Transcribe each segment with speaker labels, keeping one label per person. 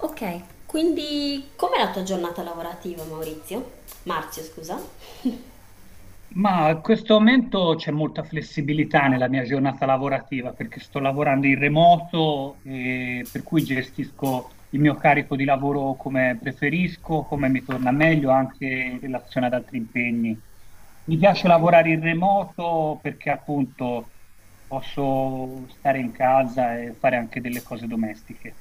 Speaker 1: Ok, quindi com'è la tua giornata lavorativa, Maurizio? Marzio, scusa.
Speaker 2: Ma a questo momento c'è molta flessibilità nella mia giornata lavorativa perché sto lavorando in remoto e per cui gestisco il mio carico di lavoro come preferisco, come mi torna meglio anche in relazione ad altri impegni. Mi piace
Speaker 1: Bello.
Speaker 2: lavorare in remoto perché appunto posso stare in casa e fare anche delle cose domestiche.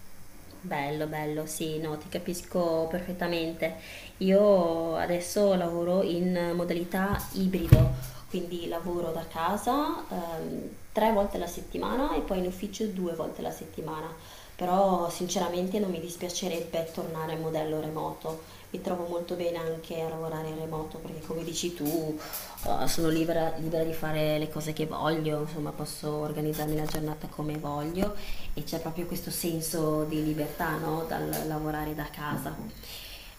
Speaker 1: Bello, bello, sì, no, ti capisco perfettamente. Io adesso lavoro in modalità ibrido, quindi lavoro da casa tre volte la settimana e poi in ufficio due volte la settimana. Però sinceramente non mi dispiacerebbe tornare al modello remoto. Mi trovo molto bene anche a lavorare in remoto perché come dici tu, sono libera, libera di fare le cose che voglio, insomma posso organizzarmi la giornata come voglio e c'è proprio questo senso di libertà, no? Dal lavorare da casa.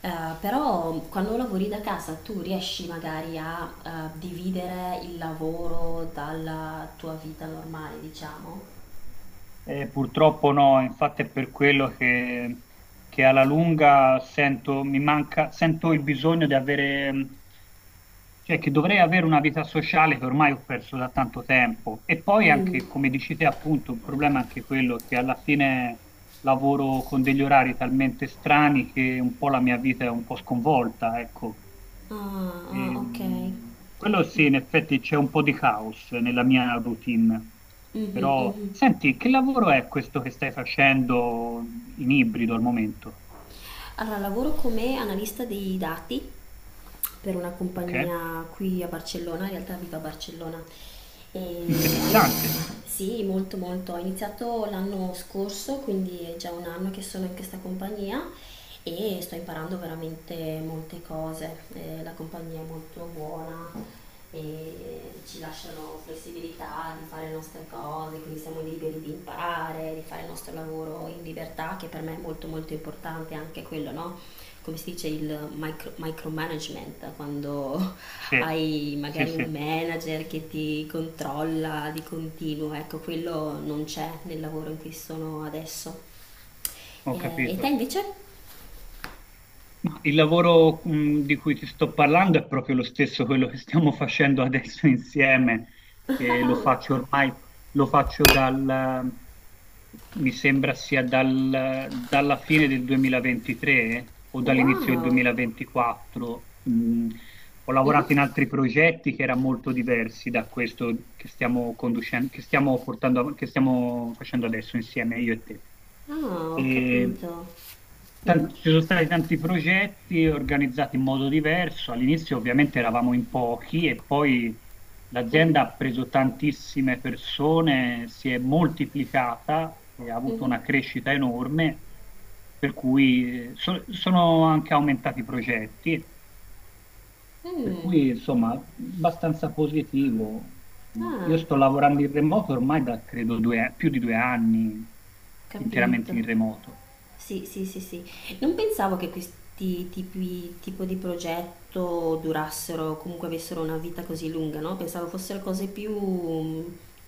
Speaker 1: Eh, però quando lavori da casa tu riesci magari a dividere il lavoro dalla tua vita normale, diciamo?
Speaker 2: Purtroppo no, infatti è per quello che alla lunga sento, mi manca, sento il bisogno di avere, cioè che dovrei avere una vita sociale che ormai ho perso da tanto tempo. E poi
Speaker 1: Mm.
Speaker 2: anche, come dici te, appunto, il problema è anche quello che alla fine lavoro con degli orari talmente strani che un po' la mia vita è un po' sconvolta, ecco.
Speaker 1: Ah, ah, ok.
Speaker 2: Quello sì, in effetti c'è un po' di caos nella mia routine,
Speaker 1: Mhm,
Speaker 2: però
Speaker 1: mhm.
Speaker 2: senti, che lavoro è questo che stai facendo in ibrido al momento?
Speaker 1: Allora, lavoro come analista dei dati per una
Speaker 2: Ok?
Speaker 1: compagnia qui a Barcellona, in realtà vivo a Barcellona. E
Speaker 2: Interessante.
Speaker 1: sì, molto. Ho iniziato l'anno scorso, quindi è già un anno che sono in questa compagnia e sto imparando veramente molte cose. La compagnia è molto buona, e ci lasciano flessibilità di fare le nostre cose, quindi siamo liberi di imparare, di fare il nostro lavoro in libertà, che per me è molto molto importante anche quello, no? Come si dice il micromanagement, quando
Speaker 2: Sì,
Speaker 1: hai
Speaker 2: sì,
Speaker 1: magari un
Speaker 2: sì,
Speaker 1: manager che ti controlla di continuo, ecco, quello non c'è nel lavoro in cui sono adesso.
Speaker 2: ho
Speaker 1: E te
Speaker 2: capito.
Speaker 1: invece?
Speaker 2: Ma il lavoro, di cui ti sto parlando è proprio lo stesso, quello che stiamo facendo adesso insieme, e lo faccio ormai, lo faccio dal, mi sembra sia dalla fine del 2023 o dall'inizio del
Speaker 1: Wow!
Speaker 2: 2024. Ho lavorato in
Speaker 1: Mhm.
Speaker 2: altri progetti che erano molto diversi da questo che stiamo conducendo, che stiamo portando, che stiamo facendo adesso insieme, io e te.
Speaker 1: Ah, ho
Speaker 2: E
Speaker 1: capito.
Speaker 2: Ci sono stati tanti progetti organizzati in modo diverso. All'inizio ovviamente eravamo in pochi e poi l'azienda ha preso tantissime persone, si è moltiplicata e ha avuto
Speaker 1: Mhm.
Speaker 2: una crescita enorme, per cui sono anche aumentati i progetti, per
Speaker 1: Mm.
Speaker 2: cui insomma abbastanza positivo. Insomma, io
Speaker 1: Ah.
Speaker 2: sto lavorando in remoto ormai da credo più di 2 anni
Speaker 1: Capito.
Speaker 2: interamente in remoto.
Speaker 1: Sì, sì, sì, sì. Non pensavo che tipo di progetto durassero, comunque avessero una vita così lunga, no? Pensavo fossero cose più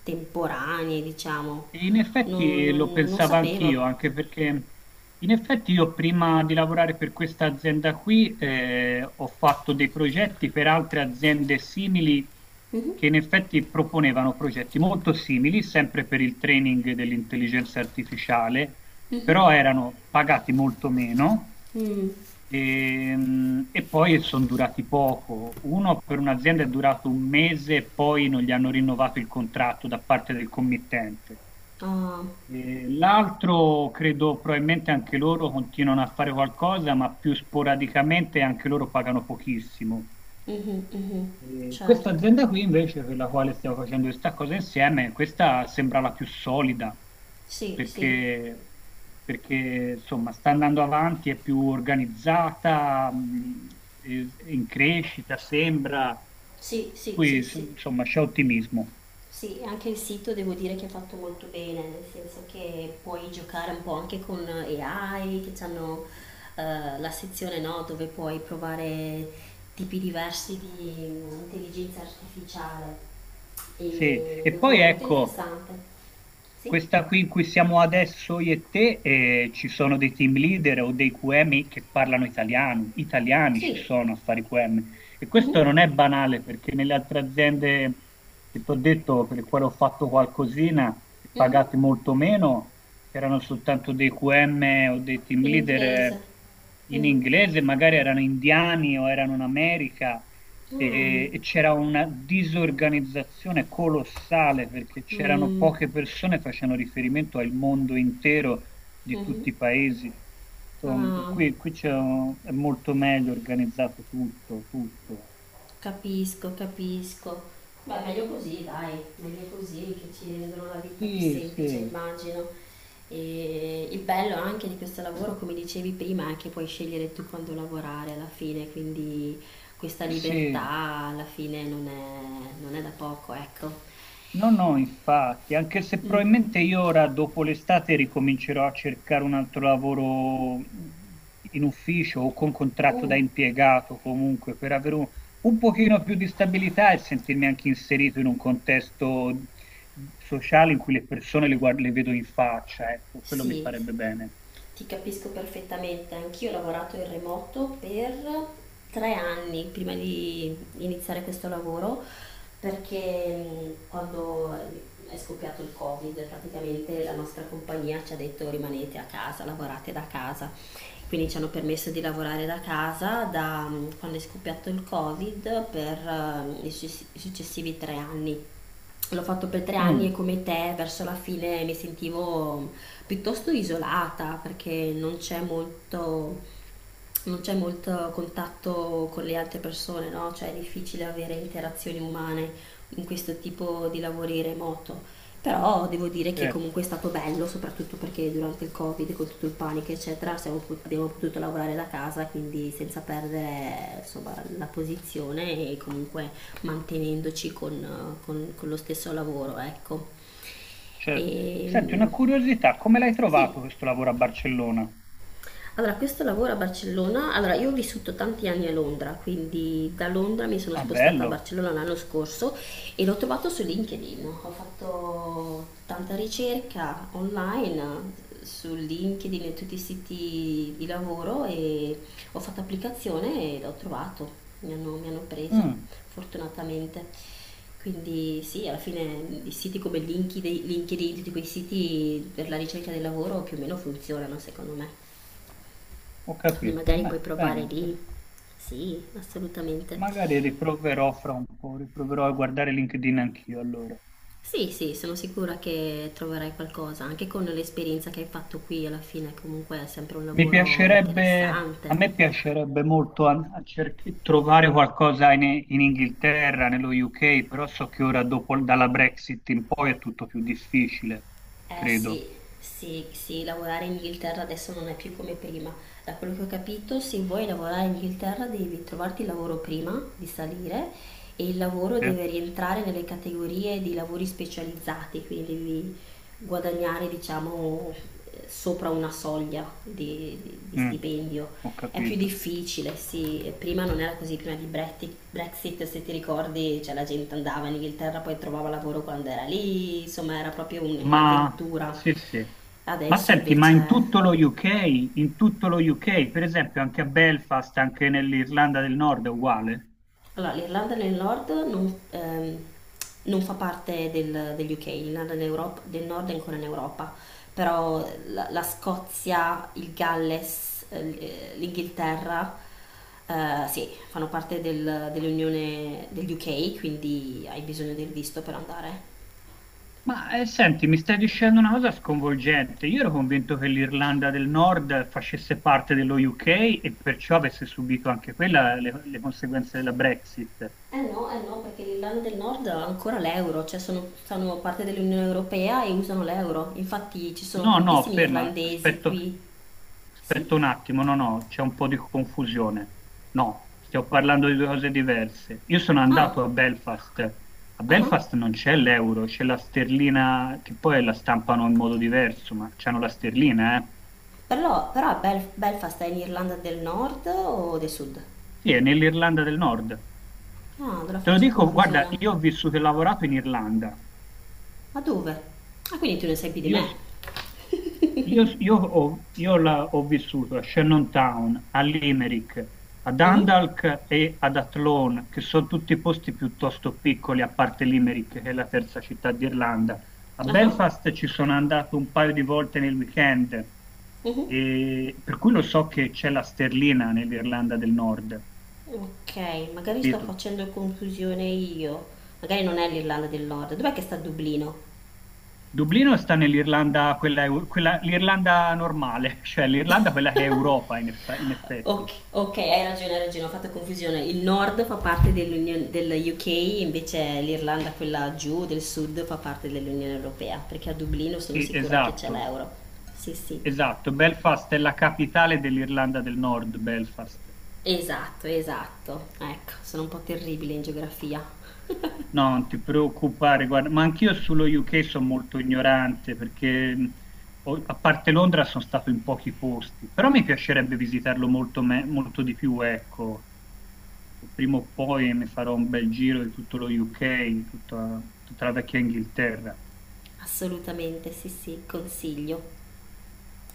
Speaker 1: temporanee, diciamo.
Speaker 2: E in effetti lo
Speaker 1: Non
Speaker 2: pensavo anch'io,
Speaker 1: sapevo.
Speaker 2: anche perché in effetti io prima di lavorare per questa azienda qui ho fatto dei progetti per altre aziende simili
Speaker 1: Mhm,
Speaker 2: che in effetti proponevano progetti molto simili, sempre per il training dell'intelligenza artificiale, però
Speaker 1: mhm.
Speaker 2: erano pagati molto meno
Speaker 1: Mm,
Speaker 2: e, poi sono durati poco. Uno per un'azienda è durato 1 mese e poi non gli hanno rinnovato il contratto da parte del committente.
Speaker 1: ah,
Speaker 2: L'altro credo probabilmente anche loro continuano a fare qualcosa, ma più sporadicamente e anche loro pagano pochissimo.
Speaker 1: mhm, mhm.
Speaker 2: Questa
Speaker 1: Certo.
Speaker 2: azienda qui invece, per la quale stiamo facendo questa cosa insieme, questa sembra la più solida
Speaker 1: Sì, sì,
Speaker 2: perché, perché, insomma sta andando avanti, è più organizzata, è in crescita sembra,
Speaker 1: sì, sì, sì, sì.
Speaker 2: insomma c'è ottimismo.
Speaker 1: Sì, anche il sito devo dire che è fatto molto bene, nel senso che puoi giocare un po' anche con AI, che hanno la sezione no, dove puoi provare tipi diversi di intelligenza artificiale
Speaker 2: Sì,
Speaker 1: e
Speaker 2: e
Speaker 1: lo trovo
Speaker 2: poi
Speaker 1: molto
Speaker 2: ecco.
Speaker 1: interessante. Sì?
Speaker 2: Questa qui in cui siamo adesso io e te, ci sono dei team leader o dei QM che parlano italiano, italiani ci
Speaker 1: Sì.
Speaker 2: sono a fare QM e
Speaker 1: Mhm,
Speaker 2: questo non è banale perché nelle altre aziende che ti ho detto, per le quali ho fatto qualcosina e
Speaker 1: mhm.
Speaker 2: pagati molto meno, c'erano soltanto dei QM o dei team
Speaker 1: In
Speaker 2: leader
Speaker 1: inglese.
Speaker 2: in
Speaker 1: Mm.
Speaker 2: inglese, magari erano indiani o erano in America
Speaker 1: Ah.
Speaker 2: e c'era una disorganizzazione colossale perché c'erano
Speaker 1: Mm,
Speaker 2: poche persone, facendo riferimento al mondo intero di
Speaker 1: mhm.
Speaker 2: tutti i paesi. Insomma,
Speaker 1: Ah.
Speaker 2: qui, qui è molto meglio organizzato tutto, tutto.
Speaker 1: Capisco, capisco. Beh, meglio così, dai, meglio così che ci rendono la vita più
Speaker 2: Sì,
Speaker 1: semplice,
Speaker 2: sì,
Speaker 1: immagino. E il bello anche di questo lavoro, come dicevi prima, è che puoi scegliere tu quando lavorare alla fine, quindi questa
Speaker 2: sì.
Speaker 1: libertà alla fine non è da poco, ecco.
Speaker 2: No, no, infatti, anche se
Speaker 1: Mm.
Speaker 2: probabilmente io ora dopo l'estate ricomincerò a cercare un altro lavoro in ufficio o con contratto da
Speaker 1: Mm,
Speaker 2: impiegato comunque per avere un pochino più di stabilità e sentirmi anche inserito in un contesto sociale in cui le persone le vedo in faccia, ecco, quello mi
Speaker 1: sì,
Speaker 2: farebbe bene.
Speaker 1: ti capisco perfettamente. Anch'io ho lavorato in remoto per tre anni prima di iniziare questo lavoro perché quando è scoppiato il Covid, praticamente la nostra compagnia ci ha detto rimanete a casa, lavorate da casa. Quindi ci hanno permesso di lavorare da casa da quando è scoppiato il Covid per i successivi tre anni. L'ho fatto per tre anni e
Speaker 2: Mm,
Speaker 1: come te verso la fine mi sentivo piuttosto isolata perché non c'è molto contatto con le altre persone, no? Cioè è difficile avere interazioni umane in questo tipo di lavori remoto. Però devo dire che
Speaker 2: certo,
Speaker 1: comunque è stato bello, soprattutto perché durante il Covid, con tutto il panico, eccetera, abbiamo potuto lavorare da casa, quindi senza perdere insomma, la posizione e comunque mantenendoci con, con lo stesso lavoro, ecco. E,
Speaker 2: certo. Senti, una curiosità, come l'hai
Speaker 1: sì,
Speaker 2: trovato questo lavoro a Barcellona?
Speaker 1: allora, questo lavoro a Barcellona, allora io ho vissuto tanti anni a Londra, quindi da Londra mi sono
Speaker 2: Ah,
Speaker 1: spostata a
Speaker 2: bello.
Speaker 1: Barcellona l'anno scorso e l'ho trovato su LinkedIn. Ho fatto tanta ricerca online su LinkedIn e tutti i siti di lavoro e ho fatto applicazione e l'ho trovato, mi hanno presa
Speaker 2: Mm,
Speaker 1: fortunatamente. Quindi sì, alla fine i siti come LinkedIn, tutti quei siti per la ricerca del lavoro più o meno funzionano secondo me.
Speaker 2: ho
Speaker 1: Quindi
Speaker 2: capito,
Speaker 1: magari
Speaker 2: beh,
Speaker 1: puoi provare
Speaker 2: bene.
Speaker 1: lì. Sì, assolutamente.
Speaker 2: Magari riproverò fra un po', riproverò a guardare LinkedIn anch'io allora.
Speaker 1: Sì, sì, sono sicura che troverai qualcosa, anche con l'esperienza che hai fatto qui alla fine, comunque è sempre un
Speaker 2: Mi
Speaker 1: lavoro
Speaker 2: piacerebbe, a me
Speaker 1: interessante.
Speaker 2: piacerebbe molto trovare qualcosa in, in Inghilterra, nello UK, però so che ora dopo, dalla Brexit in poi è tutto più difficile,
Speaker 1: Eh sì,
Speaker 2: credo.
Speaker 1: sì, sì, lavorare in Inghilterra adesso non è più come prima. Da quello che ho capito, se vuoi lavorare in Inghilterra devi trovarti il lavoro prima di salire e il lavoro
Speaker 2: Eh?
Speaker 1: deve rientrare nelle categorie di lavori specializzati, quindi devi guadagnare, diciamo, sopra una soglia di
Speaker 2: Mm,
Speaker 1: stipendio.
Speaker 2: ho
Speaker 1: È più
Speaker 2: capito.
Speaker 1: difficile, sì. E prima non era così, prima di Brexit, se ti ricordi, cioè, la gente andava in Inghilterra, poi trovava lavoro quando era lì, insomma era proprio
Speaker 2: Ma
Speaker 1: un'avventura.
Speaker 2: sì, sì. Ma
Speaker 1: Adesso
Speaker 2: senti, ma
Speaker 1: invece
Speaker 2: in tutto lo UK, in tutto lo UK, per esempio anche a Belfast, anche nell'Irlanda del Nord è uguale?
Speaker 1: allora, l'Irlanda del Nord non fa parte degli UK, l'Irlanda del Nord è ancora in Europa, però la Scozia, il Galles, l'Inghilterra, sì, fanno parte dell'Unione degli UK, quindi hai bisogno del visto per andare.
Speaker 2: Ma senti, mi stai dicendo una cosa sconvolgente. Io ero convinto che l'Irlanda del Nord facesse parte dello UK e perciò avesse subito anche quella le conseguenze della Brexit.
Speaker 1: No, eh no, perché l'Irlanda del Nord ha ancora l'euro, cioè sono, fanno parte dell'Unione Europea e usano l'euro. Infatti ci sono
Speaker 2: No, no,
Speaker 1: tantissimi
Speaker 2: ferma,
Speaker 1: irlandesi
Speaker 2: aspetto,
Speaker 1: qui. Sì?
Speaker 2: aspetta un attimo, no, no, c'è un po' di confusione. No, stiamo parlando di due cose diverse. Io sono
Speaker 1: Ah,
Speaker 2: andato a Belfast. A
Speaker 1: ah, ah.
Speaker 2: Belfast non c'è l'euro, c'è la sterlina, che poi la stampano in modo diverso, ma c'hanno la sterlina, eh.
Speaker 1: Però, però a Belfast è in Irlanda del Nord o del Sud?
Speaker 2: Sì, è nell'Irlanda del Nord.
Speaker 1: Ah, allora
Speaker 2: Te lo
Speaker 1: faccio
Speaker 2: dico, guarda, io
Speaker 1: confusione.
Speaker 2: ho vissuto e lavorato in Irlanda.
Speaker 1: Ma dove? Ah, quindi tu ne sai più di
Speaker 2: Io, s-
Speaker 1: me.
Speaker 2: io s- io ho, io la- Ho vissuto a Shannontown, a Limerick, a
Speaker 1: Mhm,
Speaker 2: Dundalk e ad Athlone, che sono tutti posti piuttosto piccoli, a parte Limerick, che è la terza città d'Irlanda. A
Speaker 1: aha,
Speaker 2: Belfast ci sono andato un paio di volte nel weekend,
Speaker 1: mhm.
Speaker 2: e per cui lo so che c'è la sterlina nell'Irlanda del Nord,
Speaker 1: Ok, magari sto
Speaker 2: capito?
Speaker 1: facendo confusione io. Magari non è l'Irlanda del Nord. Dov'è che sta Dublino?
Speaker 2: Dublino sta nell'Irlanda, quella, l'Irlanda normale, cioè l'Irlanda quella che è Europa in, in effetti.
Speaker 1: Ok, ok, hai ragione, ho fatto confusione. Il nord fa parte dell'Unione del UK, invece l'Irlanda, quella giù del sud, fa parte dell'Unione Europea, perché a Dublino sono
Speaker 2: Sì,
Speaker 1: sicura che c'è
Speaker 2: esatto,
Speaker 1: l'euro. Sì, sì.
Speaker 2: esatto. Belfast è la capitale dell'Irlanda del Nord, Belfast.
Speaker 1: Esatto, esatto. Ecco, sono un po' terribile in geografia.
Speaker 2: No, non ti preoccupare, guarda, ma anch'io sullo UK sono molto ignorante perché a parte Londra sono stato in pochi posti, però mi piacerebbe visitarlo molto, molto di più, ecco. E prima o poi mi farò un bel giro di tutto lo UK, di tutta tutta la vecchia Inghilterra.
Speaker 1: Assolutamente, sì, sì, consiglio.